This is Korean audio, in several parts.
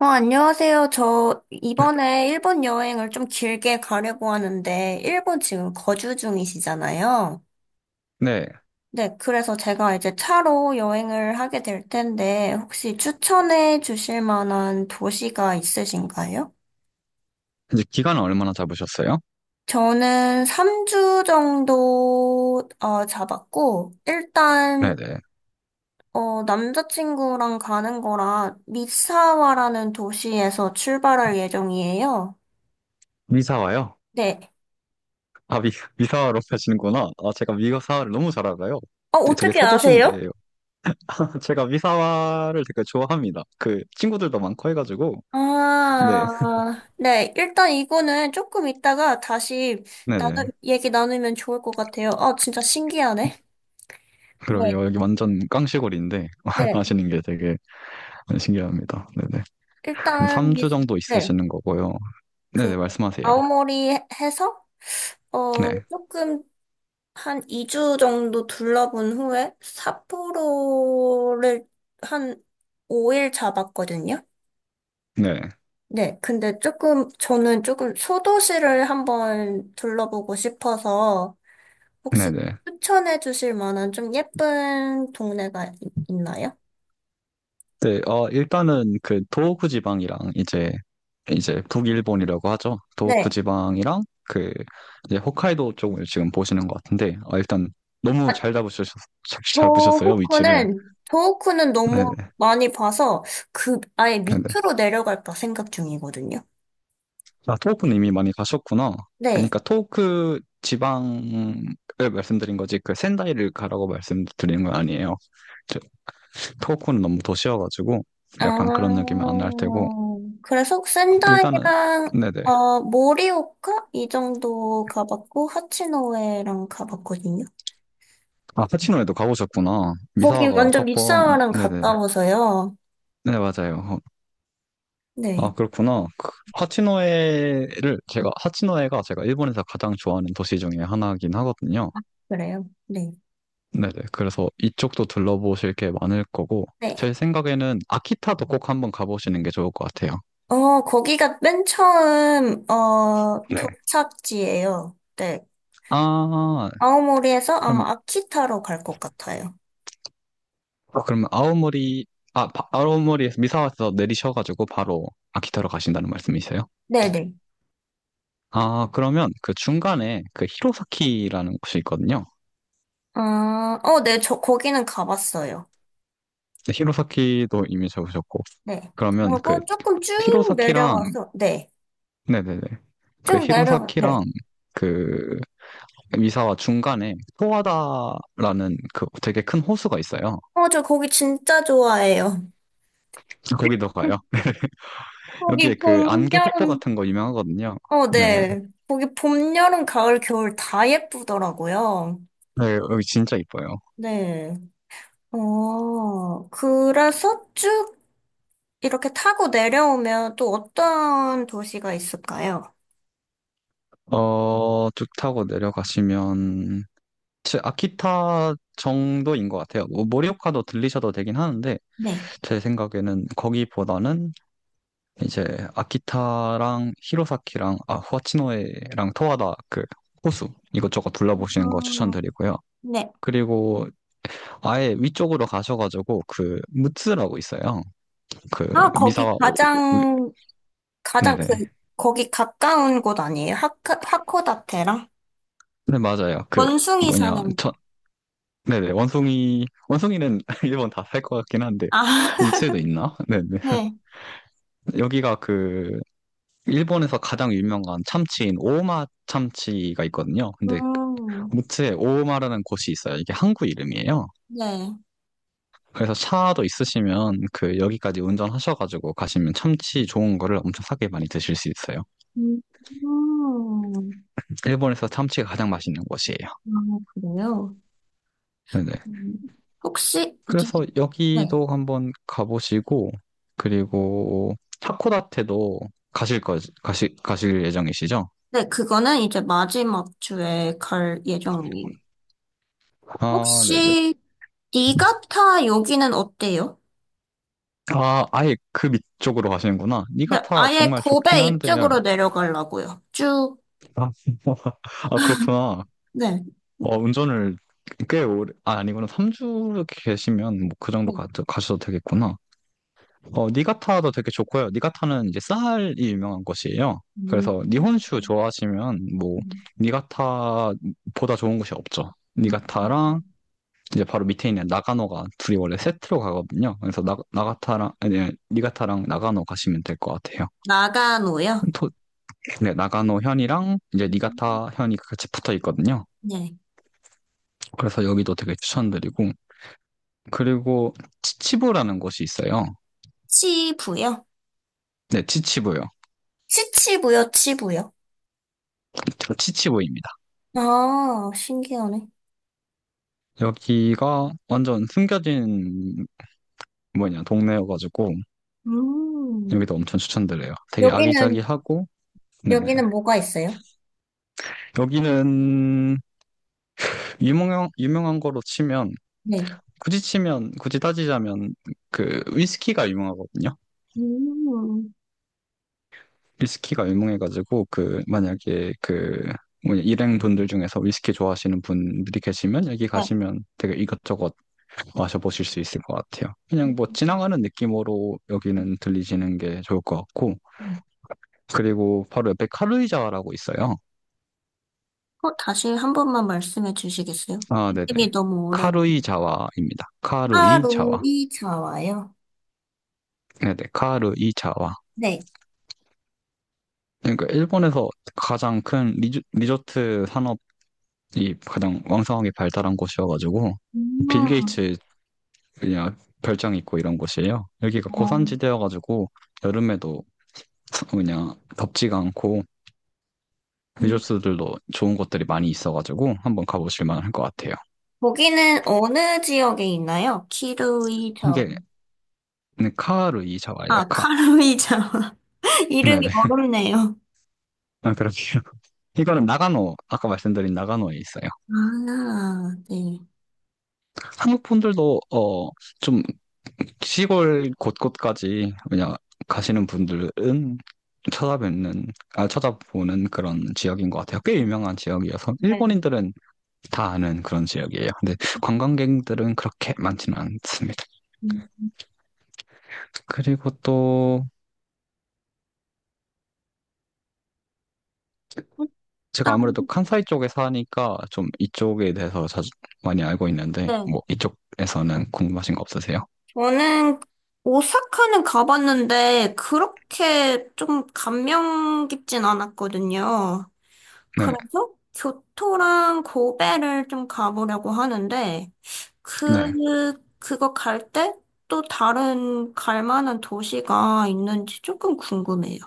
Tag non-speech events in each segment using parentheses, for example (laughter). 안녕하세요. 저 네. 이번에 일본 여행을 좀 길게 가려고 하는데, 일본 지금 거주 중이시잖아요. 네. 네, 그래서 제가 이제 차로 여행을 하게 될 텐데, 혹시 추천해 주실 만한 도시가 있으신가요? 이제 기간은 얼마나 잡으셨어요? 저는 3주 정도 잡았고, 일단 네네. 남자친구랑 가는 거라 미사와라는 도시에서 출발할 예정이에요. 미사와요? 네. 아, 미, 미사와로 하시는구나. 아, 제가 미사와를 너무 잘 알아요. 되게 어떻게 아세요? 서도시인데, (laughs) 제가 미사와를 되게 좋아합니다. 그, 친구들도 많고 해가지고. 네. 아, 네. 일단 이거는 조금 이따가 다시 네네. 얘기 나누면 좋을 것 같아요. 아, 진짜 신기하네. 네, 그러게요. 여기 완전 깡시골인데, (laughs) 네. 아시는 게 되게 신기합니다. 네네. 그럼 일단, 3주 정도 네. 있으시는 거고요. 그, 네네, 말씀하세요. 아오모리 해서, 네. 조금 한 2주 정도 둘러본 후에 삿포로를 한 5일 잡았거든요. 네. 네. 근데 조금, 저는 조금 소도시를 한번 둘러보고 싶어서, 네네. 혹시 네, 추천해 주실 만한 좀 예쁜 동네가 있나요? 네, 일단은 그 도호구 지방이랑 이제 북일본이라고 하죠. 도호쿠 네. 지방이랑 그 이제 홋카이도 쪽을 지금 보시는 것 같은데, 일단 너무 아, 잘 잡으셨 잘 잡으셨어요 위치를. 도호쿠는 너무 네네. 많이 봐서 그 아예 네네. 밑으로 내려갈까 생각 중이거든요. 아, 도호쿠는 이미 많이 가셨구나. 네. 그러니까 도호쿠 지방을 말씀드린 거지, 그 센다이를 가라고 말씀드리는 건 아니에요. 저- 도호쿠는 너무 도시여가지고 아, 약간 그런 느낌은 안 날 테고, 그래서 일단은 센다이랑, 네네. 모리오카? 이 정도 가봤고, 하치노에랑 가봤거든요. 아, 파치노에도 가보셨구나. 거기 미사와가 완전 첫밑사번 와랑 네네. 네. 가까워서요. 네, 맞아요. 아, 네. 그렇구나. 그 하치노에를 제가 하치노에가 제가 일본에서 가장 좋아하는 도시 중에 하나긴 하거든요. 그래요. 네. 네네. 그래서 이쪽도 둘러보실 게 많을 거고, 네. 제 생각에는 아키타도 꼭 한번 가보시는 게 좋을 것 같아요. 거기가 맨 처음, 네. 도착지예요. 네. 아, 아오모리에서 그럼 아마 아키타로 갈 것 같아요. 아, 그러면 아오모리, 아오모리에서 미사와에서 내리셔가지고 바로 아키타로 가신다는 말씀이세요? 네네. 아, 그러면 그 중간에 그 히로사키라는 곳이 있거든요. 아, 네, 저, 거기는 가봤어요. 근데 히로사키도 이미 적으셨고, 네. 그러면 그 그리고 조금 쭉 히로사키랑 내려와서, 네. 네네네. 그 쭉 내려와, 네. 히로사키랑 그 미사와 중간에 소와다라는 그 되게 큰 호수가 있어요. 저 거기 진짜 좋아해요. 거기도 가요. (laughs) 여기에 거기 그 봄, 안개 폭포 여름, 같은 거 유명하거든요. 네네. 네. 거기 봄, 여름, 가을, 겨울 다 예쁘더라고요. 네, 여기 진짜 이뻐요. 네. 그래서 쭉 이렇게 타고 내려오면 또 어떤 도시가 있을까요? 어, 쭉 타고 내려가시면 제 아키타 정도인 것 같아요. 뭐 모리오카도 들리셔도 되긴 하는데, 네. 제 생각에는 거기보다는 이제 아키타랑 히로사키랑 아 후아치노에랑 토하다 그 호수 이것저것 둘러보시는 거 어, 추천드리고요. 네. 그리고 아예 위쪽으로 가셔가지고 그 무츠라고 있어요. 그 아, 거기, 미사와 오- 가장 그, 네네. 거기 가까운 곳 아니에요? 하코다테랑? 네, 맞아요. 그 원숭이 사는 뭐냐 저 곳. 네네. 원숭이 원숭이는 (laughs) 일본 다 살 것 같긴 한데 아, (laughs) 무츠에도 있나? 네네. 네. 여기가 그 일본에서 가장 유명한 참치인 오마 참치가 있거든요. 근데 음, 무트에 오오마라는 곳이 있어요. 이게 항구 이름이에요. 네. 그래서 차도 있으시면 그 여기까지 운전하셔가지고 가시면 참치 좋은 거를 엄청 싸게 많이 드실 수 있어요. 음, 음. 일본에서 참치가 가장 맛있는 곳이에요. 아, 그래요? 네네. 음. 혹시, 그래서 네. 여기도 한번 가보시고, 그리고 하코다테도 가실 거 가시 가실 예정이시죠? 네, 그거는 이제 마지막 주에 갈 예정이에요. 아, 네네. 혹시 니가타 여기는 어때요? 아, 아예 그 밑쪽으로 가시는구나. 네, 니가타 아예 정말 좋긴 고베 한데요. 이쪽으로 내려가려고요. 쭉, 아, (laughs) 아, 그렇구나. 네. 어, 운전을 꽤 오래, 아, 아니구나. 3주 이렇게 계시면 뭐 그 정도 네. 가, 가셔도 되겠구나. 어, 니가타도 되게 좋고요. 니가타는 이제 쌀이 유명한 곳이에요. 음. 그래서 니혼슈 좋아하시면 뭐 니가타보다 좋은 곳이 없죠. 니가타랑 이제 바로 밑에 있는 나가노가 둘이 원래 세트로 가거든요. 그래서 나가타랑 아니, 니가타랑 나가노 가시면 될 것 같아요. 나가노요? 토, 네, 나가노 현이랑 이제 니가타 현이 같이 붙어 있거든요. 네. 그래서 여기도 되게 추천드리고, 그리고 치치부라는 곳이 있어요. 치부요? 네, 치치부요. 치부요. 치치부입니다. 아, 신기하네. 여기가 완전 숨겨진 뭐냐 동네여가지고 음. 여기도 엄청 추천드려요. 되게 여기는, 아기자기하고. 네네. 여기는 뭐가 있어요? 여기는 유명한 거로 치면 네. 굳이 따지자면 그 위스키가 유명하거든요. 음. 위스키가 유명해가지고 그 만약에 그 뭐냐 일행 분들 중에서 위스키 좋아하시는 분들이 계시면 여기 네. 가시면 되게 이것저것 마셔보실 수 있을 것 같아요. 그냥 뭐 지나가는 느낌으로 여기는 들리시는 게 좋을 것 같고, 그리고 바로 옆에 카루이자와라고 있어요. 다시 한 번만 말씀해 주시겠어요? 아, 네네. 이름이 너무 어려워. 카루이자와입니다. 카루이자와. 하루이 자와요. 네네. 카루이자와. 네. 그러니까 일본에서 가장 큰 리조트 산업이 가장 왕성하게 발달한 곳이어가지고, 빌 음, 게이츠 그냥 별장 있고 이런 곳이에요. 여기가 어, 고산지대여가지고 여름에도 그냥 덥지가 않고 음. 리조스들도 좋은 곳들이 많이 있어가지고 한번 가보실 만할 것 같아요. 거기는 어느 지역에 있나요? 키루이 자와. 이게 네, 카루이자와예요, 아, 카. 카루이 자와. (laughs) 이름이 네네. 어렵네요. 아, 그렇게요. 이거는 나가노, 아까 말씀드린 나가노에 있어요. 아, 네. 한국 분들도, 어, 좀 시골 곳곳까지 그냥 가시는 분들은 쳐다보는 쳐다보는 그런 지역인 것 같아요. 꽤 유명한 지역이어서 네. 일본인들은 다 아는 그런 지역이에요. 근데 관광객들은 그렇게 많지는 않습니다. 음. 그리고 또 제가 일단, 아무래도 칸사이 쪽에 사니까 좀 이쪽에 대해서 자주 많이 알고 있는데, 네. 뭐 이쪽에서는 궁금하신 거 없으세요? 저는 오사카는 가봤는데 그렇게 좀 감명 깊진 않았거든요. 네, 그래서 교토랑 고베를 좀 가보려고 하는데, 네. 그, 그거 갈 때 또 다른 갈 만한 도시가 있는지 조금 궁금해요.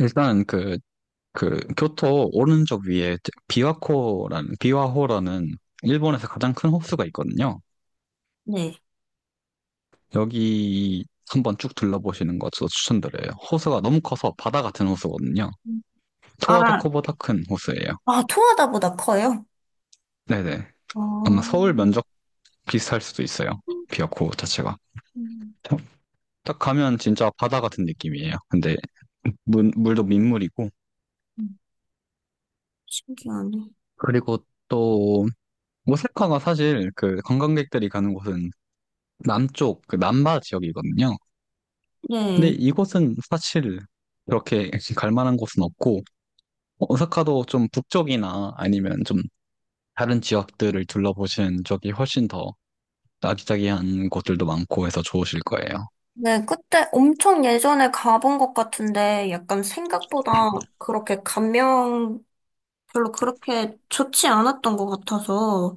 일단 그, 그 교토 오른쪽 위에 비와호라는 일본에서 가장 큰 호수가 있거든요. 네. 여기 한번 쭉 둘러보시는 것도 추천드려요. 호수가 너무 커서 바다 같은 호수거든요. 아, 토하다코보다 큰 호수예요. 아, 토하다보다 커요? 네네. 어, 아마 서울 면적 비슷할 수도 있어요. 비와코 자체가. 딱 가면 진짜 바다 같은 느낌이에요. 근데 물도 민물이고. 음, 신기하네. 그리고 또 오사카가 사실 그 관광객들이 가는 곳은 남쪽, 그 남바 지역이거든요. 근데 네. 이곳은 사실 그렇게 갈 만한 곳은 없고, 어, 오사카도 좀 북쪽이나 아니면 좀 다른 지역들을 둘러보신 적이 훨씬 더 아기자기한 곳들도 많고 해서 좋으실 거예요. 네, 그때 엄청 예전에 가본 것 같은데 약간 생각보다 그렇게 감명 별로 그렇게 좋지 않았던 것 같아서.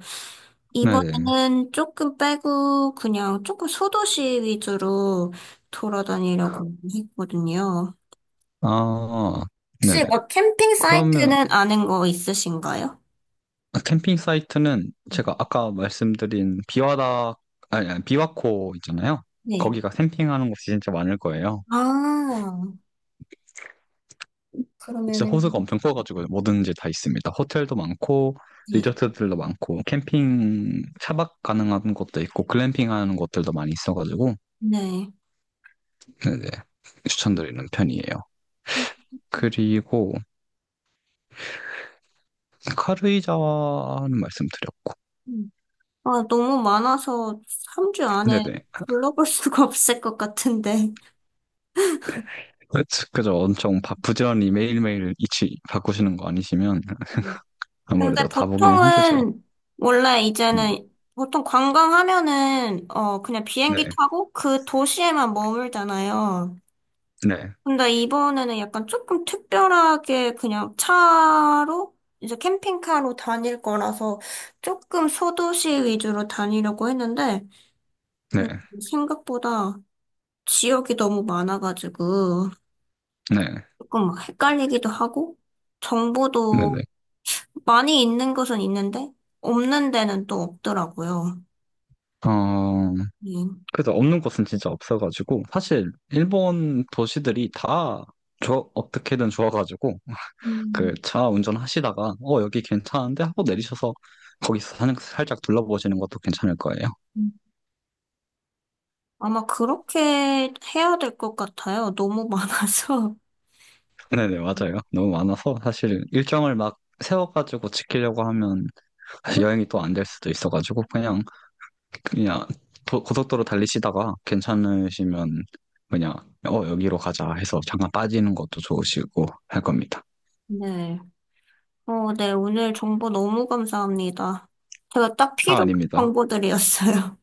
네네. 이번에는 조금 빼고 그냥 조금 소도시 위주로 돌아다니려고 했거든요. 아, 네네. 혹시 뭐 캠핑 그러면, 사이트는 아는 거 있으신가요? 캠핑 사이트는 제가 아까 말씀드린 비와다, 아니, 아니, 비와코 있잖아요. 네. 거기가 캠핑하는 곳이 진짜 많을 거예요. 아, 진짜 그러면은, 호수가 엄청 커가지고 뭐든지 다 있습니다. 호텔도 많고, 네. 리조트들도 많고, 캠핑 차박 가능한 곳도 있고, 글램핑 하는 곳들도 많이 있어가지고, 네. 네네, 추천드리는 편이에요. 그리고 카루이자와는 말씀드렸고. 아, 너무 많아서 3주 안에 네네. 불러볼 (laughs) 수가 없을 것 같은데. 그쵸, 그죠. 부지런히 매일매일 이치 바꾸시는 거 아니시면 근데 아무래도 다 보기는 힘들죠. 보통은 원래 네, 이제는 보통 관광하면은 그냥 비행기 네, 타고 그 도시에만 머물잖아요. 네, 근데 이번에는 약간 조금 특별하게 그냥 차로 이제 캠핑카로 다닐 거라서 조금 소도시 위주로 다니려고 했는데 네, 음, 생각보다 지역이 너무 많아가지고 조금 막 헷갈리기도 하고 네, 정보도 네. 많이 있는 곳은 있는데 없는 데는 또 없더라고요. 어, 예. 그래서 없는 곳은 진짜 없어가지고, 사실, 일본 도시들이 다, 좋 어떻게든 좋아가지고, 음, 그, 차 운전하시다가, 어, 여기 괜찮은데? 하고 내리셔서, 거기서 살짝 둘러보시는 것도 괜찮을 거예요. 음. 아마 그렇게 해야 될 것 같아요. 너무 많아서. 네네, 맞아요. 너무 많아서, 사실, 일정을 막 세워가지고 지키려고 하면, 사실 여행이 (laughs) 또 안 될 수도 있어가지고, 그냥, 그냥 고속도로 달리시다가 괜찮으시면 그냥 어 여기로 가자 해서 잠깐 빠지는 것도 좋으시고 할 겁니다. 네. 네. 오늘 정보 너무 감사합니다. 제가 딱 아, 필요한 아닙니다. 정보들이었어요.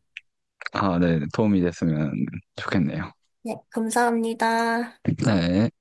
아, 네. 도움이 됐으면 좋겠네요. (laughs) 네, 감사합니다. 네.